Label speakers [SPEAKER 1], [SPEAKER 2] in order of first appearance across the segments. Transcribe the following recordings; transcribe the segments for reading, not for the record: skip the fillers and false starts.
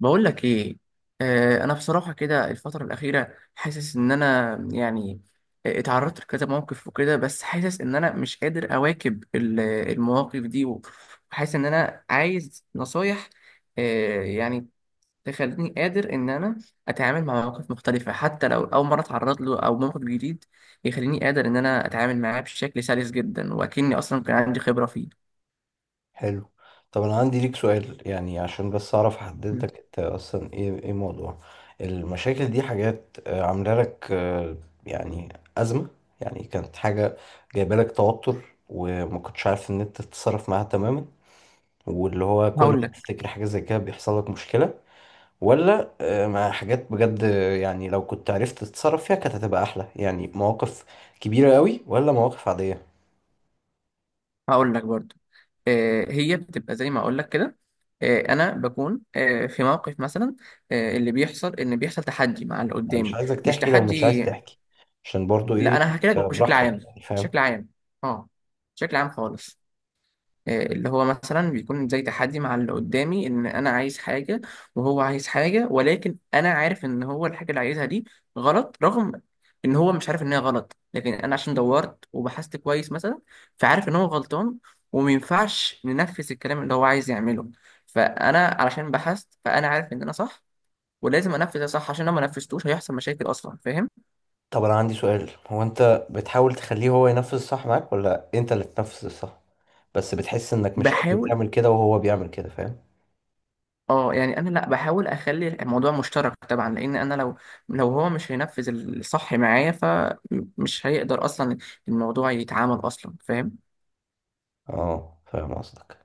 [SPEAKER 1] بقول لك ايه. انا بصراحه كده الفتره الاخيره حاسس ان انا يعني، اتعرضت لكذا موقف وكده، بس حاسس ان انا مش قادر اواكب المواقف دي، وحاسس ان انا عايز نصايح يعني تخليني قادر ان انا اتعامل مع مواقف مختلفه، حتى لو اول مره اتعرض له او موقف جديد، يخليني قادر ان انا اتعامل معاه بشكل سلس جدا، واكني اصلا كان عندي خبره فيه.
[SPEAKER 2] حلو. طب انا عندي ليك سؤال، يعني عشان بس اعرف احدد لك انت اصلا ايه موضوع المشاكل دي. حاجات عامله لك، يعني ازمه؟ يعني كانت حاجه جايبه لك توتر وما كنتش عارف ان انت تتصرف معاها تماما، واللي هو كل
[SPEAKER 1] هقول
[SPEAKER 2] ما
[SPEAKER 1] لك
[SPEAKER 2] تفتكر حاجه زي كده بيحصل لك مشكله؟ ولا مع حاجات بجد، يعني لو كنت عرفت تتصرف فيها كانت هتبقى احلى؟ يعني مواقف كبيره قوي ولا مواقف عاديه؟
[SPEAKER 1] هقول لك برضو. هي بتبقى زي ما اقول لك كده. انا بكون، في موقف مثلا، اللي بيحصل ان بيحصل تحدي مع اللي
[SPEAKER 2] انا مش
[SPEAKER 1] قدامي.
[SPEAKER 2] عايزك
[SPEAKER 1] مش
[SPEAKER 2] تحكي لو مش عايز
[SPEAKER 1] تحدي.
[SPEAKER 2] تحكي، عشان برضو
[SPEAKER 1] لا،
[SPEAKER 2] ايه،
[SPEAKER 1] انا هحكي لك بشكل
[SPEAKER 2] براحتك
[SPEAKER 1] عام.
[SPEAKER 2] يعني، فاهم.
[SPEAKER 1] بشكل عام. اه، بشكل عام خالص. اللي هو مثلا بيكون زي تحدي مع اللي قدامي، ان انا عايز حاجة وهو عايز حاجة، ولكن انا عارف ان هو الحاجة اللي عايزها دي غلط، رغم ان هو مش عارف ان هي غلط، لكن انا عشان دورت وبحثت كويس مثلا فعارف ان هو غلطان، ومينفعش ننفذ الكلام اللي هو عايز يعمله. فانا علشان بحثت فانا عارف ان انا صح، ولازم انفذ ده صح، عشان لو ما نفذتوش هيحصل مشاكل اصلا. فاهم؟
[SPEAKER 2] طب انا عندي سؤال، هو انت بتحاول تخليه هو ينفذ الصح معاك، ولا انت اللي تنفذ الصح بس بتحس انك مش قادر
[SPEAKER 1] بحاول.
[SPEAKER 2] تعمل كده وهو بيعمل كده؟ فاهم.
[SPEAKER 1] اه يعني، انا لا بحاول اخلي الموضوع مشترك طبعا، لان انا لو، هو مش هينفذ الصح معايا فمش هيقدر اصلا الموضوع يتعامل اصلا. فاهم؟
[SPEAKER 2] اه، فاهم قصدك.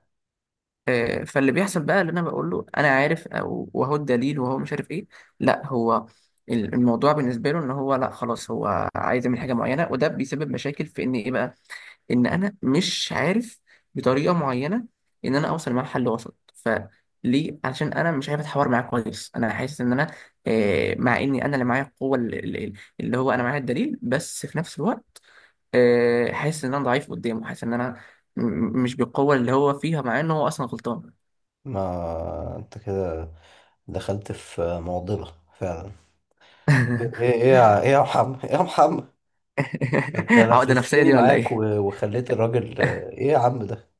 [SPEAKER 1] فاللي بيحصل بقى اللي انا بقول له انا عارف او وهو الدليل، وهو مش عارف ايه. لا، هو الموضوع بالنسبه له ان هو لا خلاص، هو عايز يعمل حاجه معينه، وده بيسبب مشاكل في ان ايه بقى، ان انا مش عارف بطريقه معينه ان انا اوصل مع حل وسط. فليه؟ عشان انا مش عارف اتحاور معاه كويس، انا حاسس ان انا، مع اني انا اللي معايا القوه اللي هو انا معايا الدليل، بس في نفس الوقت حاسس ان انا ضعيف قدامه، حاسس ان انا مش بالقوه اللي هو فيها، مع انه هو اصلا غلطان.
[SPEAKER 2] ما انت كده دخلت في معضلة فعلا. ايه يا محمد، ايه يا محمد، انت
[SPEAKER 1] عقده نفسيه
[SPEAKER 2] لفلفتني
[SPEAKER 1] دي ولا
[SPEAKER 2] معاك و-
[SPEAKER 1] ايه؟
[SPEAKER 2] وخليت الراجل، ايه يا عم ده.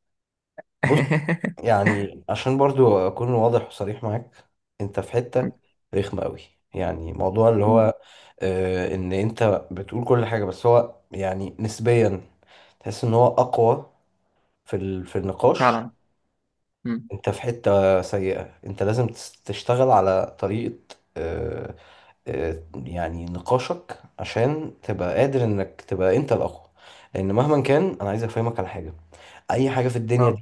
[SPEAKER 2] بص، يعني عشان برضو اكون واضح وصريح معاك، انت في حتة رخمة قوي، يعني موضوع اللي
[SPEAKER 1] مم.
[SPEAKER 2] هو ان انت بتقول كل حاجة بس هو يعني نسبيا تحس ان هو اقوى في النقاش.
[SPEAKER 1] فعلا. مم.
[SPEAKER 2] انت في حتة سيئة، انت لازم تشتغل على طريقة، يعني نقاشك، عشان تبقى قادر انك تبقى انت الاقوى. لان مهما كان، انا عايز افهمك على حاجة، اي حاجة في الدنيا
[SPEAKER 1] اه.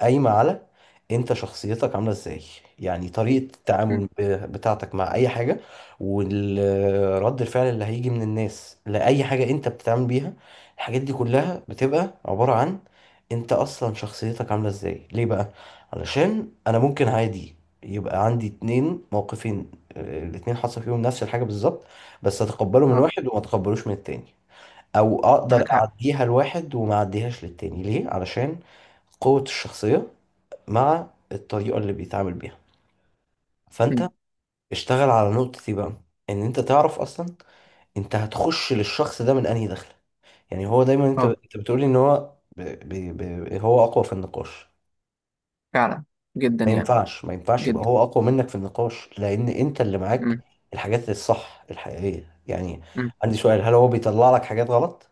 [SPEAKER 2] قايمة على انت شخصيتك عاملة ازاي، يعني طريقة التعامل
[SPEAKER 1] مم.
[SPEAKER 2] بتاعتك مع اي حاجة، والرد الفعل اللي هيجي من الناس لأي حاجة انت بتتعامل بيها. الحاجات دي كلها بتبقى عبارة عن انت اصلا شخصيتك عاملة ازاي. ليه بقى؟ علشان انا ممكن عادي يبقى عندي اتنين موقفين، الاتنين حصل فيهم نفس الحاجة بالظبط، بس اتقبله من
[SPEAKER 1] اه.
[SPEAKER 2] واحد وما اتقبلوش من التاني، او اقدر
[SPEAKER 1] معاك حق.
[SPEAKER 2] اعديها لواحد وما اعديهاش للتاني. ليه؟ علشان قوة الشخصية مع الطريقة اللي بيتعامل بيها. فانت
[SPEAKER 1] مم.
[SPEAKER 2] اشتغل على نقطة دي بقى، ان انت تعرف اصلا انت هتخش للشخص ده من انهي دخلة. يعني هو دايما انت
[SPEAKER 1] اه.
[SPEAKER 2] انت بتقولي ان هو هو اقوى في النقاش.
[SPEAKER 1] فعلا. جدا
[SPEAKER 2] ما
[SPEAKER 1] يعني.
[SPEAKER 2] ينفعش، ما ينفعش يبقى
[SPEAKER 1] جدا.
[SPEAKER 2] هو اقوى منك في النقاش، لان انت اللي معاك الحاجات الصح الحقيقية يعني.
[SPEAKER 1] مم.
[SPEAKER 2] عندي سؤال، هل هو بيطلع لك حاجات غلط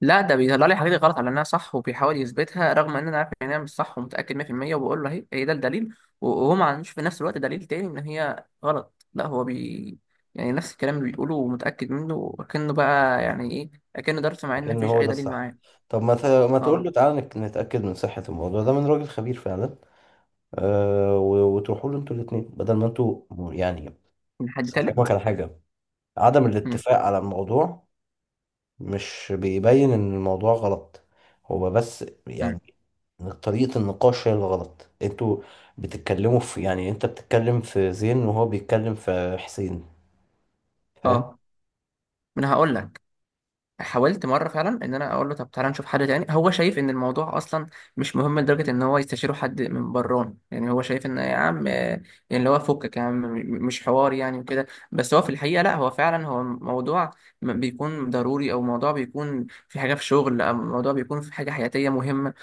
[SPEAKER 1] لا، ده بيطلع لي حاجات غلط على انها صح، وبيحاول يثبتها رغم ان انا عارف ان هي مش صح ومتاكد 100%، وبقول له هي، ده الدليل، و- وهو ما عندوش في نفس الوقت دليل تاني ان هي غلط. لا، هو بي، يعني نفس الكلام اللي بيقوله ومتاكد منه وكأنه بقى يعني ايه، اكنه درس، مع ان
[SPEAKER 2] لكن
[SPEAKER 1] مفيش
[SPEAKER 2] هو
[SPEAKER 1] اي
[SPEAKER 2] ده
[SPEAKER 1] دليل
[SPEAKER 2] الصح؟
[SPEAKER 1] معاه.
[SPEAKER 2] طب ما تقول له
[SPEAKER 1] اه،
[SPEAKER 2] تعالى نتأكد من صحة الموضوع ده من راجل خبير فعلا. و- وتروحوا له انتوا الاثنين بدل ما انتوا، يعني
[SPEAKER 1] من حد
[SPEAKER 2] افهمك
[SPEAKER 1] تالت.
[SPEAKER 2] على حاجه، عدم
[SPEAKER 1] مم.
[SPEAKER 2] الاتفاق على الموضوع مش بيبين ان الموضوع غلط، هو بس
[SPEAKER 1] مم.
[SPEAKER 2] يعني طريقه النقاش هي اللي غلط. انتوا بتتكلموا في، يعني انت بتتكلم في زين وهو بيتكلم في حسين، فاهم؟
[SPEAKER 1] اه. ما انا هقول لك، حاولت مره فعلا ان انا اقول له طب تعالى نشوف حد تاني. هو شايف ان الموضوع اصلا مش مهم لدرجه ان هو يستشيره حد من بران، يعني هو شايف ان يا عم، يعني اللي هو فكك يا عم، مش حوار يعني وكده، بس هو في الحقيقه لا، هو فعلا هو موضوع بيكون ضروري، او موضوع بيكون في حاجه في شغل، او موضوع بيكون في حاجه حياتيه مهمه،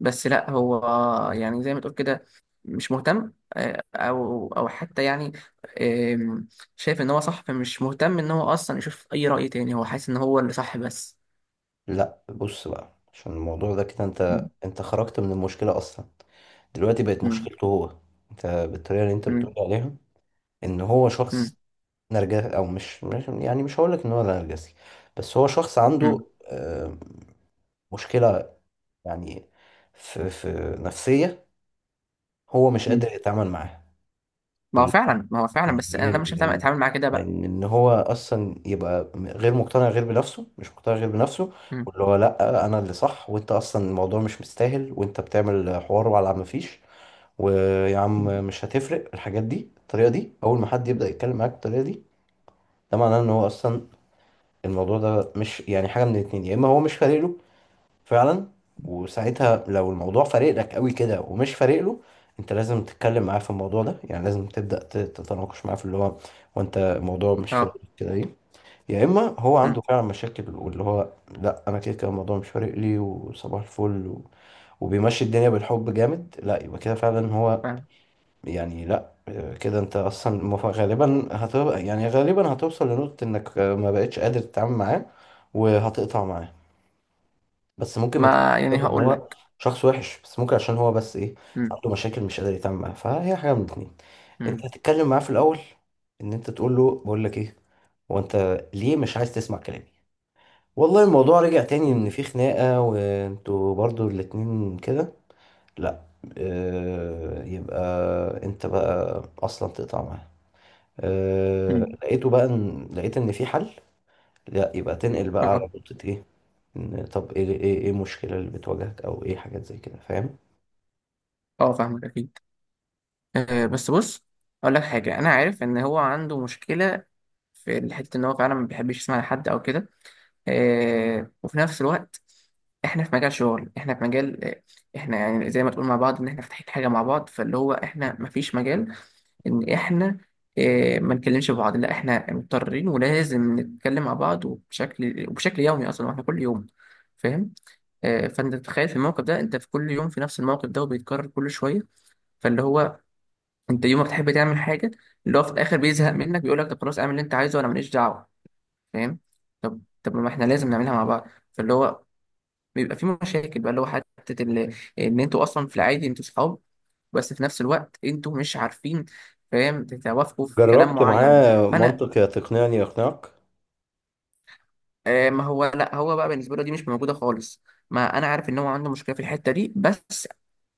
[SPEAKER 1] بس لا، هو يعني زي ما تقول كده مش مهتم، او حتى يعني، آم، شايف ان هو صح فمش مهتم ان هو اصلا يشوف اي رأي تاني. هو حاسس ان هو اللي صح بس.
[SPEAKER 2] لا بص بقى، عشان الموضوع ده كده
[SPEAKER 1] مم.
[SPEAKER 2] انت خرجت من المشكله اصلا، دلوقتي بقت
[SPEAKER 1] مم.
[SPEAKER 2] مشكلته هو. انت بالطريقه اللي انت بتقول
[SPEAKER 1] مم.
[SPEAKER 2] عليها ان هو
[SPEAKER 1] مم.
[SPEAKER 2] شخص نرجسي، او يعني مش هقول لك ان هو نرجسي، بس هو شخص عنده،
[SPEAKER 1] مم.
[SPEAKER 2] آه، مشكلة يعني في نفسية هو مش
[SPEAKER 1] مم.
[SPEAKER 2] قادر يتعامل معاها.
[SPEAKER 1] ما هو
[SPEAKER 2] بال-
[SPEAKER 1] فعلا،
[SPEAKER 2] يعني
[SPEAKER 1] بس انا
[SPEAKER 2] ايه،
[SPEAKER 1] مش
[SPEAKER 2] لان
[SPEAKER 1] اتعامل معاه كده بقى.
[SPEAKER 2] لان ان هو اصلا يبقى غير مقتنع غير بنفسه، مش مقتنع غير بنفسه،
[SPEAKER 1] مم.
[SPEAKER 2] واللي هو لا انا اللي صح، وانت اصلا الموضوع مش مستاهل، وانت بتعمل حوار على ما فيش، ويا عم
[SPEAKER 1] مم.
[SPEAKER 2] مش هتفرق. الحاجات دي، الطريقة دي، اول ما حد يبدأ يتكلم معاك بالطريقة دي، ده معناه ان هو اصلا الموضوع ده مش، يعني حاجة من الاتنين، يا إما هو مش فارق له فعلا. وساعتها لو الموضوع فارق لك قوي كده ومش فارق له، أنت لازم تتكلم معاه في الموضوع ده، يعني لازم تبدأ تتناقش معاه في اللي هو، وأنت الموضوع مش فارق
[SPEAKER 1] اه.
[SPEAKER 2] لك كده ليه. يا إما هو
[SPEAKER 1] مم.
[SPEAKER 2] عنده فعلا مشاكل، واللي هو لأ أنا كده كده الموضوع مش فارق لي وصباح الفل، و... وبيمشي الدنيا بالحب جامد. لأ، يبقى كده فعلا هو
[SPEAKER 1] فاهم.
[SPEAKER 2] يعني. لا كده انت اصلا غالبا هتبقى، يعني هتوصل لنقطة انك ما بقتش قادر تتعامل معاه وهتقطع معاه، بس ممكن ما تبقاش
[SPEAKER 1] ما يعني
[SPEAKER 2] بسبب ان
[SPEAKER 1] هقول
[SPEAKER 2] هو
[SPEAKER 1] لك.
[SPEAKER 2] شخص وحش، بس ممكن عشان هو بس ايه،
[SPEAKER 1] مم.
[SPEAKER 2] عنده مشاكل مش قادر يتعامل معاها. فهي حاجة من الاتنين. انت
[SPEAKER 1] مم.
[SPEAKER 2] هتتكلم معاه في الاول، ان انت تقول له بقول لك ايه، هو انت ليه مش عايز تسمع كلامي. والله الموضوع رجع تاني
[SPEAKER 1] مم.
[SPEAKER 2] ان في خناقة وانتوا برضو الاتنين كده، لا. اه، يبقى انت بقى اصلا تقطع معاه. أه
[SPEAKER 1] مم.
[SPEAKER 2] لقيته بقى إن لقيت إن في حل، لا، يبقى تنقل بقى على
[SPEAKER 1] اه.
[SPEAKER 2] نقطة إيه، إن طب إيه المشكلة اللي بتواجهك، أو إيه حاجات زي كده، فاهم.
[SPEAKER 1] اه، فاهمك اكيد. آه، بس بص، اقول لك حاجه. انا عارف ان هو عنده مشكله في الحته، ان هو فعلا ما بيحبش يسمع لحد او كده. آه، وفي نفس الوقت احنا في مجال شغل، احنا في مجال، احنا يعني زي ما تقول مع بعض ان احنا فاتحين حاجه مع بعض، فاللي هو احنا ما فيش مجال ان احنا ما نكلمش بعض. لا، احنا مضطرين ولازم نتكلم مع بعض، وبشكل يومي اصلا، واحنا كل يوم. فاهم؟ فانت تتخيل في الموقف ده، انت في كل يوم في نفس الموقف ده وبيتكرر كل شويه. فاللي هو انت يوم ما بتحب تعمل حاجه، اللي هو في الاخر بيزهق منك، بيقول لك طب خلاص اعمل اللي انت عايزه وانا ماليش دعوه. فاهم؟ طب، ما احنا لازم نعملها مع بعض. فاللي هو بيبقى في مشاكل بقى، اللي هو حتة ان انتوا اصلا في العادي انتوا صحاب، بس في نفس الوقت انتوا مش عارفين، فاهم، تتوافقوا في كلام
[SPEAKER 2] جربت
[SPEAKER 1] معين.
[SPEAKER 2] معاه
[SPEAKER 1] فانا،
[SPEAKER 2] منطق، يا تقنعني يقنعك.
[SPEAKER 1] ما هو لا، هو بقى بالنسبه له دي مش موجوده خالص. ما انا عارف ان هو عنده مشكله في الحته دي، بس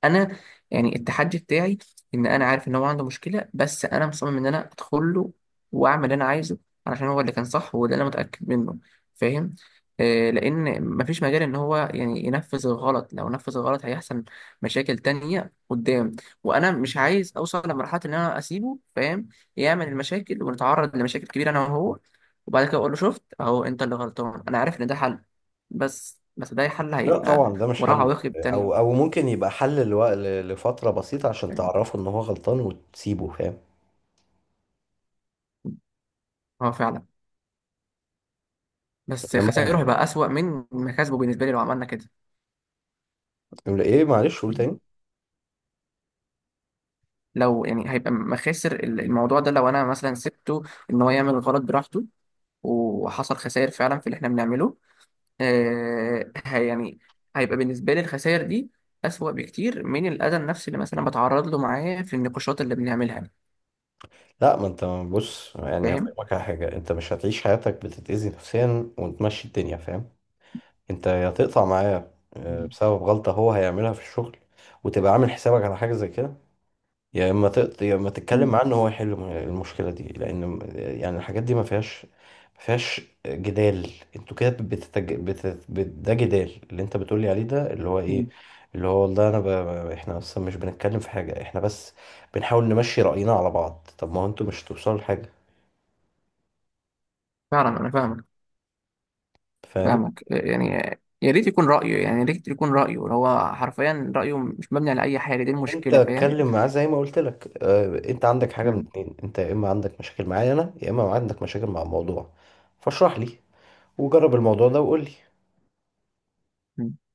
[SPEAKER 1] انا يعني التحدي بتاعي ان انا عارف ان هو عنده مشكله، بس انا مصمم ان انا ادخل له واعمل اللي انا عايزه، علشان هو اللي كان صح وده اللي انا متاكد منه. فاهم؟ آه، لان مفيش مجال ان هو يعني ينفذ الغلط. لو نفذ الغلط هيحصل مشاكل تانية قدام، وانا مش عايز اوصل لمرحله ان انا اسيبه، فاهم، يعمل المشاكل ونتعرض لمشاكل كبيره انا وهو، وبعد كده اقول له شفت اهو انت اللي غلطان. انا عارف ان ده حل، بس، ده حل
[SPEAKER 2] لا
[SPEAKER 1] هيبقى
[SPEAKER 2] طبعا ده مش
[SPEAKER 1] وراه
[SPEAKER 2] حل،
[SPEAKER 1] عواقب تانية.
[SPEAKER 2] أو ممكن يبقى حل لفترة بسيطة عشان
[SPEAKER 1] فاهم؟
[SPEAKER 2] تعرفه إن هو غلطان وتسيبه، فاهم.
[SPEAKER 1] اه فعلا، بس خسائره
[SPEAKER 2] إنما
[SPEAKER 1] هيبقى اسوأ من مكاسبه بالنسبه لي لو عملنا كده.
[SPEAKER 2] يقول إيه، معلش قول تاني.
[SPEAKER 1] لو يعني هيبقى مخاسر الموضوع ده، لو انا مثلا سبته ان هو يعمل غلط براحته وحصل خسائر فعلا في اللي احنا بنعمله، آه، يعني هيبقى بالنسبه لي الخسائر دي اسوأ بكتير من الاذى النفسي اللي مثلا بتعرض له معاه في النقاشات اللي بنعملها.
[SPEAKER 2] لا ما أنت بص، يعني
[SPEAKER 1] فاهم؟
[SPEAKER 2] هفهمك على حاجة، أنت مش هتعيش حياتك بتتأذي نفسيا وتمشي الدنيا، فاهم. انت يا تقطع معاه،
[SPEAKER 1] مم.
[SPEAKER 2] بسبب غلطة هو هيعملها في الشغل، وتبقى عامل حسابك على حاجة زي كده، يا اما تتكلم
[SPEAKER 1] مم.
[SPEAKER 2] معاه ان هو يحل المشكلة دي، لان يعني الحاجات دي ما فيهاش، ما فيهاش جدال. انتوا كده ده جدال اللي انت بتقولي عليه، ده اللي هو ايه،
[SPEAKER 1] مم.
[SPEAKER 2] اللي هو والله انا احنا اصلا مش بنتكلم في حاجة، احنا بس بنحاول نمشي رأينا على بعض. طب ما هو انتوا مش هتوصلوا لحاجة،
[SPEAKER 1] فعلا، انا فاهمك.
[SPEAKER 2] فاهم.
[SPEAKER 1] فاهمك يعني، يا ريت يكون رأيه هو حرفيا رأيه، مش مبني على أي حاجة. دي
[SPEAKER 2] انت
[SPEAKER 1] المشكلة. فاهم؟
[SPEAKER 2] اتكلم معاه زي ما قلت لك، اه انت عندك حاجه من
[SPEAKER 1] مم.
[SPEAKER 2] اتنين، انت يا اما عندك مشاكل معايا انا، يا اما عندك مشاكل مع الموضوع. فاشرح لي، وجرب الموضوع ده وقول لي.
[SPEAKER 1] مم.